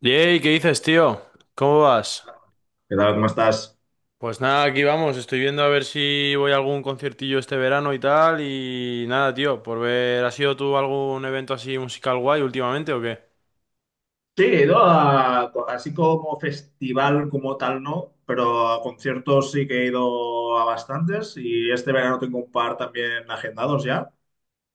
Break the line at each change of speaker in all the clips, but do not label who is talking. Yey, ¿qué dices, tío? ¿Cómo vas?
¿Qué tal? ¿Cómo estás?
Pues nada, aquí vamos. Estoy viendo a ver si voy a algún conciertillo este verano y tal. Y nada, tío, por ver, ¿has ido tú a algún evento así musical guay últimamente o qué?
Sí, ¿no? Así como festival como tal no, pero a conciertos sí que he ido a bastantes y este verano tengo un par también agendados ya.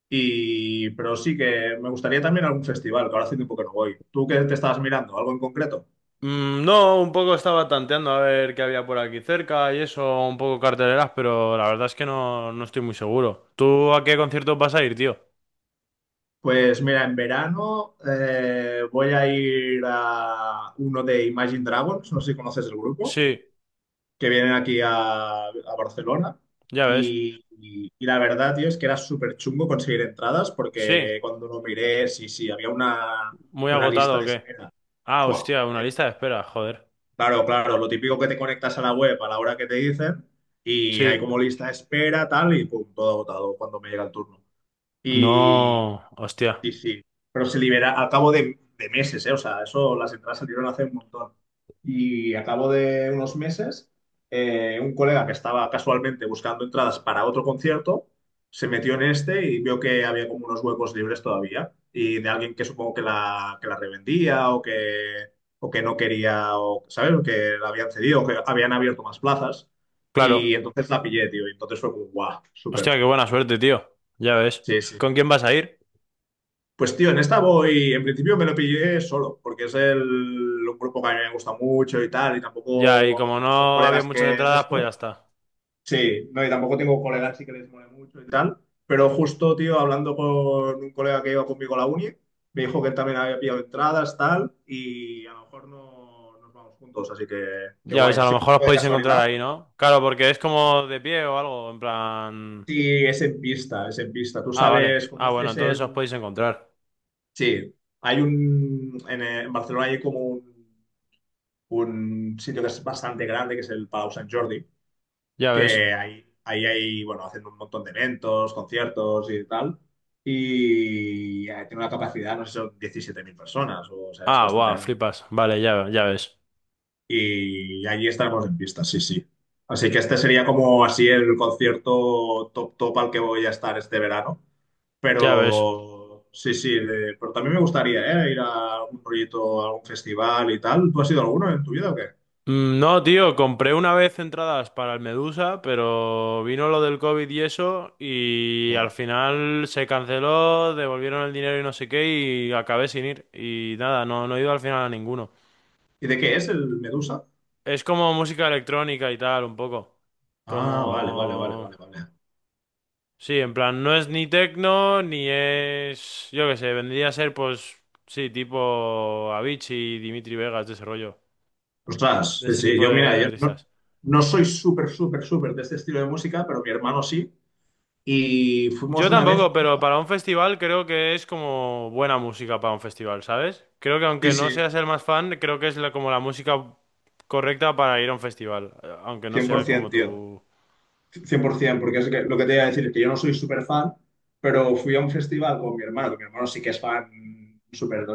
Pero sí que me gustaría también algún festival, que ahora hace tiempo que no voy. ¿Tú qué te estabas mirando? ¿Algo en concreto?
No, un poco estaba tanteando a ver qué había por aquí cerca y eso, un poco carteleras, pero la verdad es que no, no estoy muy seguro. ¿Tú a qué conciertos vas a ir, tío?
Pues mira, en verano voy a ir a uno de Imagine Dragons, no sé si conoces el grupo,
Sí,
que vienen aquí a Barcelona.
ya ves.
Y la verdad, tío, es que era súper chungo conseguir entradas
Sí,
porque cuando lo miré, sí, sí, había una,
muy
una lista
agotado o
de
qué.
espera.
Ah,
Fua.
hostia, una lista de espera, joder.
Claro, claro, lo típico que te conectas a la web a la hora que te dicen y hay
Sí,
como lista de espera, tal, y pum, todo agotado cuando me llega el turno.
no, hostia.
Sí, sí. Pero se libera al cabo de meses, ¿eh? O sea, eso las entradas salieron hace un montón. Y a cabo de unos meses, un colega que estaba casualmente buscando entradas para otro concierto, se metió en este y vio que había como unos huecos libres todavía. Y de alguien que supongo que que la revendía o que no quería, o, ¿sabes? O que la habían cedido, o que habían abierto más plazas. Y
Claro.
entonces la pillé, tío. Y entonces fue como, guau,
Hostia,
súper.
qué buena suerte, tío. Ya ves.
Sí, sí.
¿Con quién vas a ir?
Pues tío, en esta voy, en principio me lo pillé solo, porque es un grupo que a mí me gusta mucho y tal, y
Ya, y como
tampoco tengo
no había
colegas
muchas
que de
entradas, pues ya
esto.
está.
Sí, no, y tampoco tengo colegas así que les mole mucho y tal. Pero justo, tío, hablando con un colega que iba conmigo a la uni, me dijo que él también había pillado entradas, tal, y a lo mejor no nos vamos juntos, así que
Ya
guay,
ves, a lo
así un
mejor os
poco de
podéis encontrar
casualidad.
ahí,
Pero
¿no? Claro, porque es
sí, sí.
como de pie o algo, en plan...
Sí, es en pista, es en pista. Tú
Ah, vale.
sabes,
Ah, bueno,
conoces
entonces
el.
os podéis encontrar.
Sí, hay en Barcelona hay como un sitio que es bastante grande, que es el Palau Sant Jordi,
Ya ves.
que ahí hay, bueno, hacen un montón de eventos, conciertos y tal, y tiene una capacidad, no sé, si son 17.000 personas, o sea, es
Ah,
bastante
guau,
grande.
flipas. Vale, ya, ya ves.
Y allí estaremos en pista, sí, sí. Así que este sería como así el concierto top top al que voy a estar este verano.
Ya ves.
Pero sí, sí, pero también me gustaría, ¿eh? Ir a algún proyecto, a algún festival y tal. ¿Tú has ido a alguno en tu vida o qué?
No, tío, compré una vez entradas para el Medusa, pero vino lo del COVID y eso, y al
Wow.
final se canceló, devolvieron el dinero y no sé qué, y acabé sin ir. Y nada, no, no he ido al final a ninguno.
¿Y de qué es el Medusa?
Es como música electrónica y tal, un poco.
Ah, vale, vale, vale,
Como...
vale, vale.
Sí, en plan, no es ni techno, ni es... Yo qué sé, vendría a ser pues... Sí, tipo Avicii, Dimitri Vegas, de ese rollo.
Ostras,
De
sí,
ese
sí,
tipo
yo
de
mira, yo no,
artistas.
no soy súper, súper, súper de este estilo de música, pero mi hermano sí. Y fuimos
Yo
una vez,
tampoco, pero para un festival creo que es como buena música para un festival, ¿sabes? Creo que
sí,
aunque no
sí,
seas el más fan, creo que es como la música correcta para ir a un festival, aunque no sea como
100%, tío.
tu...
100%, porque es lo que te iba a decir es que yo no soy súper fan, pero fui a un festival con mi hermano, que mi hermano sí que es fan súper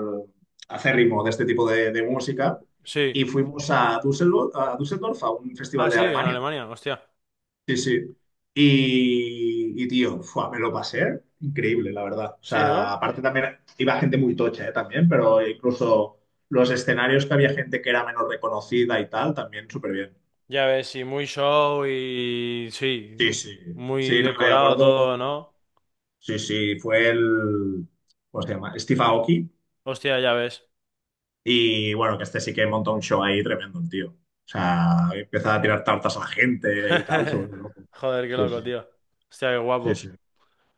acérrimo de este tipo de música,
Sí.
y fuimos a Düsseldorf, a un festival
Ah,
de
sí, en
Alemania.
Alemania, hostia.
Sí, sí. Y, tío, fua, me lo pasé increíble, la verdad. O
Sí,
sea,
¿no?
aparte también iba gente muy tocha, también, pero incluso los escenarios que había gente que era menos reconocida y tal, también súper bien.
Ya ves, sí, muy show y...
Sí,
Sí,
sí.
muy
Sí, no, de
decorado
acuerdo.
todo, ¿no?
Sí, sí, fue el, ¿cómo se llama? Steve Aoki.
Hostia, ya ves.
Y bueno, que este sí que montó un show ahí tremendo, el tío. O sea, empieza a tirar tartas a la gente y tal, sobre todo.
Joder, qué
Sí,
loco,
sí,
tío. Hostia, qué
sí, sí,
guapo.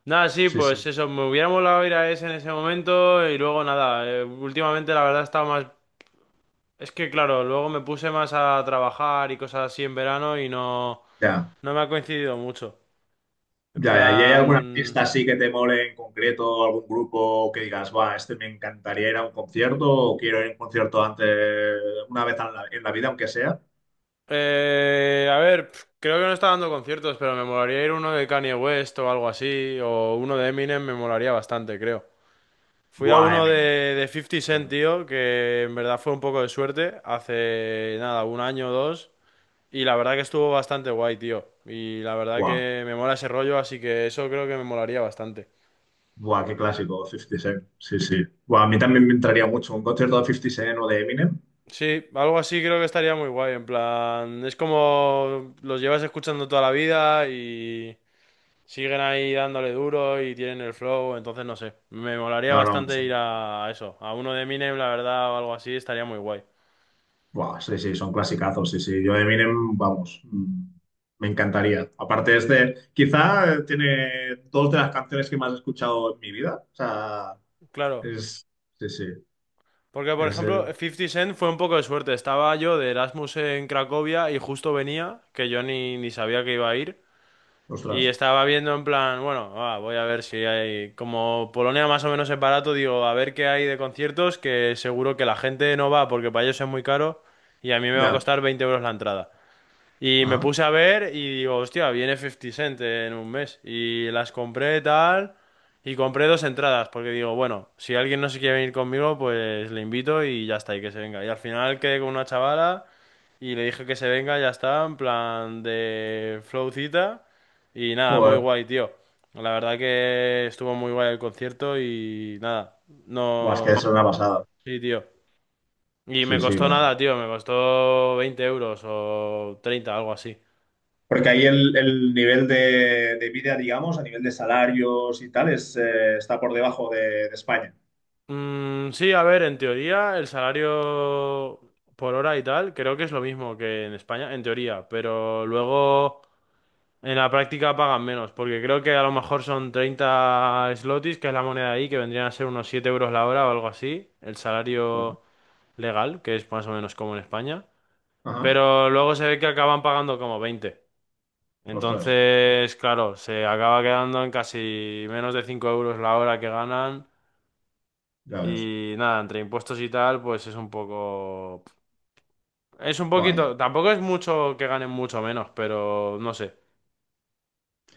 Nada, sí,
sí,
pues
sí.
eso, me hubiera molado ir a ese en ese momento y luego nada, últimamente la verdad estaba más... Es que claro, luego me puse más a trabajar y cosas así en verano y no,
Ya,
no me ha coincidido mucho. En
ya, ya. ¿Y hay algún
plan...
artista así que te mole en concreto, algún grupo que digas, va, este me encantaría ir a un concierto o quiero ir a un concierto antes, una vez en la, vida, aunque sea?
A ver, pf, creo que no está dando conciertos, pero me molaría ir a uno de Kanye West o algo así, o uno de Eminem me molaría bastante, creo. Fui a
Buah,
uno
Eminem.
de 50 Cent,
Bueno,
tío, que en verdad fue un poco de suerte, hace nada, un año o dos. Y la verdad que estuvo bastante guay, tío. Y la verdad
wow.
que me mola ese rollo, así que eso creo que me molaría bastante.
Buah, qué clásico, 50 Cent. Sí, sí. Buah, a mí también me entraría mucho un concierto de 50 Cent o de Eminem.
Sí, algo así creo que estaría muy guay. En plan, es como los llevas escuchando toda la vida y siguen ahí dándole duro y tienen el flow, entonces no sé. Me molaría
No, no,
bastante ir
son,
a eso, a uno de Eminem, la verdad, o algo así, estaría muy guay.
buah, sí, sí, son clasicazos, sí, sí. Yo de Eminem, vamos, me encantaría. Aparte es de, quizá tiene dos de las canciones que más he escuchado en mi vida. O sea,
Claro,
es, sí, sí,
porque por
es,
ejemplo, 50 Cent fue un poco de suerte. Estaba yo de Erasmus en Cracovia y justo venía, que yo ni sabía que iba a ir.
ostras,
Y estaba viendo en plan, bueno, ah, voy a ver si hay, como Polonia más o menos es barato, digo, a ver qué hay de conciertos, que seguro que la gente no va porque para ellos es muy caro y a mí me va a
ya,
costar 20 euros la entrada. Y me
ajá.
puse a ver y digo, hostia, viene 50 Cent en un mes. Y las compré tal. Y compré dos entradas, porque digo, bueno, si alguien no se quiere venir conmigo, pues le invito y ya está, y que se venga. Y al final quedé con una chavala y le dije que se venga, ya está, en plan de flowcita. Y nada, muy
Joder,
guay, tío. La verdad que estuvo muy guay el concierto y nada,
buah, es que es una
no...
pasada.
Sí, tío. Y
Sí,
me
sí,
costó nada, tío, me costó 20 euros o 30 algo así.
porque ahí el nivel de vida, digamos, a nivel de salarios y tal, está por debajo de España.
Sí, a ver, en teoría el salario por hora y tal creo que es lo mismo que en España, en teoría, pero luego en la práctica pagan menos, porque creo que a lo mejor son 30 slotis, que es la moneda ahí, que vendrían a ser unos 7 euros la hora o algo así, el
Vale.
salario legal, que es más o menos como en España,
Ajá.
pero luego se ve que acaban pagando como 20.
Ostras,
Entonces, claro, se acaba quedando en casi menos de 5 euros la hora que ganan.
ya ves.
Y nada, entre impuestos y tal, pues es un poco... Es un
Vaya.
poquito... Tampoco es mucho que ganen mucho menos, pero no sé.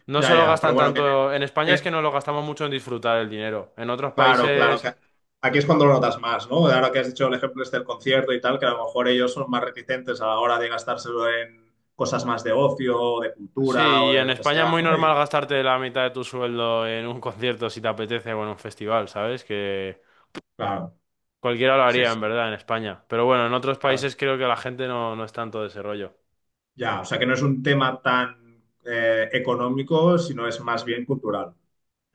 No se
Ya,
lo
ya, pero
gastan
bueno,
tanto... En España es
que-
que no lo gastamos mucho en disfrutar el dinero. En otros
claro, claro,
países...
que aquí es cuando lo notas más, ¿no? Ahora que has dicho el ejemplo este del concierto y tal, que a lo mejor ellos son más reticentes a la hora de gastárselo en cosas más de ocio, o de
Sí,
cultura o
y
de
en
lo que
España es
sea,
muy
¿no?
normal
Y
gastarte la mitad de tu sueldo en un concierto si te apetece o en un festival, ¿sabes? Que
claro,
cualquiera lo
sí,
haría en
sí,
verdad en España. Pero bueno, en otros
claro.
países creo que la gente no es tanto de ese rollo.
Ya, o sea que no es un tema tan económico, sino es más bien cultural.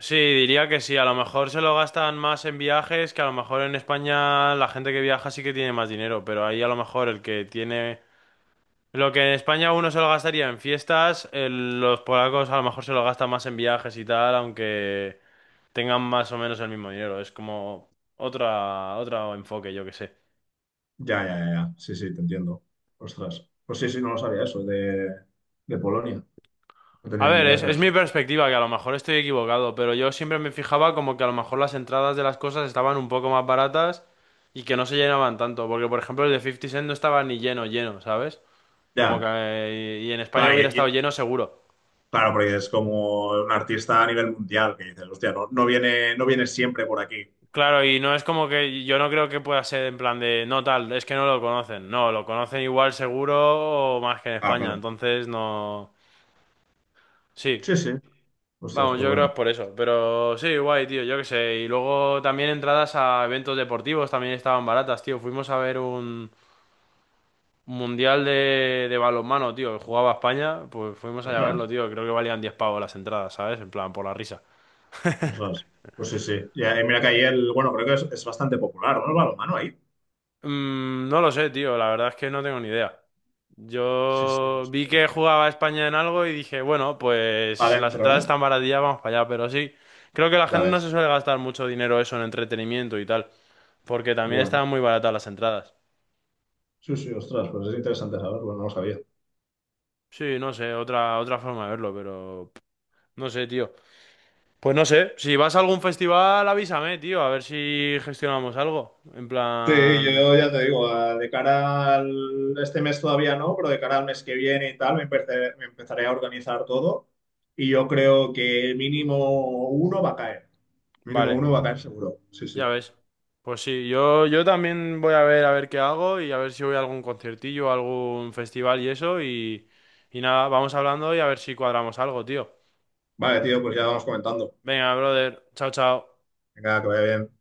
Sí, diría que sí. A lo mejor se lo gastan más en viajes, que a lo mejor en España la gente que viaja sí que tiene más dinero, pero ahí a lo mejor el que tiene... Lo que en España uno se lo gastaría en fiestas, los polacos a lo mejor se lo gastan más en viajes y tal, aunque tengan más o menos el mismo dinero. Es como otro enfoque, yo que sé.
Ya, ya, ya, ya. Sí, sí, te entiendo. Ostras. Pues sí, sí, no lo sabía eso, de, Polonia. No
A
tenía ni
ver,
idea, creo.
es mi perspectiva, que a lo mejor estoy equivocado, pero yo siempre me fijaba como que a lo mejor las entradas de las cosas estaban un poco más baratas y que no se llenaban tanto, porque por ejemplo el de 50 Cent no estaba ni lleno, lleno, ¿sabes? Como que...
Ya,
Y en España
claro,
hubiera estado lleno seguro.
claro, porque es como un artista a nivel mundial que dices, hostia, no, no viene, no viene siempre por aquí.
Claro, y no es como que yo no creo que pueda ser en plan de, no tal, es que no lo conocen, no, lo conocen igual seguro o más que en
Ah,
España,
claro.
entonces no... Sí,
Sí, sí. Ostras,
vamos,
qué
yo creo que
bueno.
es por eso. Pero sí, guay, tío, yo qué sé. Y luego también entradas a eventos deportivos también estaban baratas, tío. Fuimos a ver un mundial de balonmano, tío, que jugaba España. Pues fuimos allá a
Ostras,
verlo, tío. Creo que valían 10 pavos las entradas, ¿sabes? En plan, por la risa.
ostras. Pues sí, sí. Ya, y mira que ahí el, bueno, creo que es bastante popular, ¿no? El balonmano ahí.
No lo sé, tío. La verdad es que no tengo ni idea.
Sí, sí, me
Yo vi
suena que
que
sí.
jugaba España en algo y dije, bueno, pues las
Adentro,
entradas
¿no?
están baratillas, vamos para allá. Pero sí, creo que la
Ya
gente no
ves.
se suele gastar mucho dinero eso en entretenimiento y tal. Porque también
Bueno.
estaban muy baratas las entradas.
Sí, sí, ostras, pues es interesante saberlo, no lo sabía.
Sí, no sé, otra forma de verlo, pero pff, no sé, tío. Pues no sé, si vas a algún festival, avísame, tío, a ver si gestionamos algo. En
Sí,
plan,
yo ya te digo, de cara al este mes todavía no, pero de cara al mes que viene y tal, me empezaré a organizar todo y yo creo que mínimo uno va a caer, mínimo
vale,
uno va a caer seguro, sí,
ya
sí.
ves. Pues sí, yo también voy a ver qué hago y a ver si voy a algún conciertillo, algún festival y eso y nada, vamos hablando y a ver si cuadramos algo, tío.
Vale, tío, pues ya vamos comentando.
Venga, brother, chao, chao.
Venga, que vaya bien.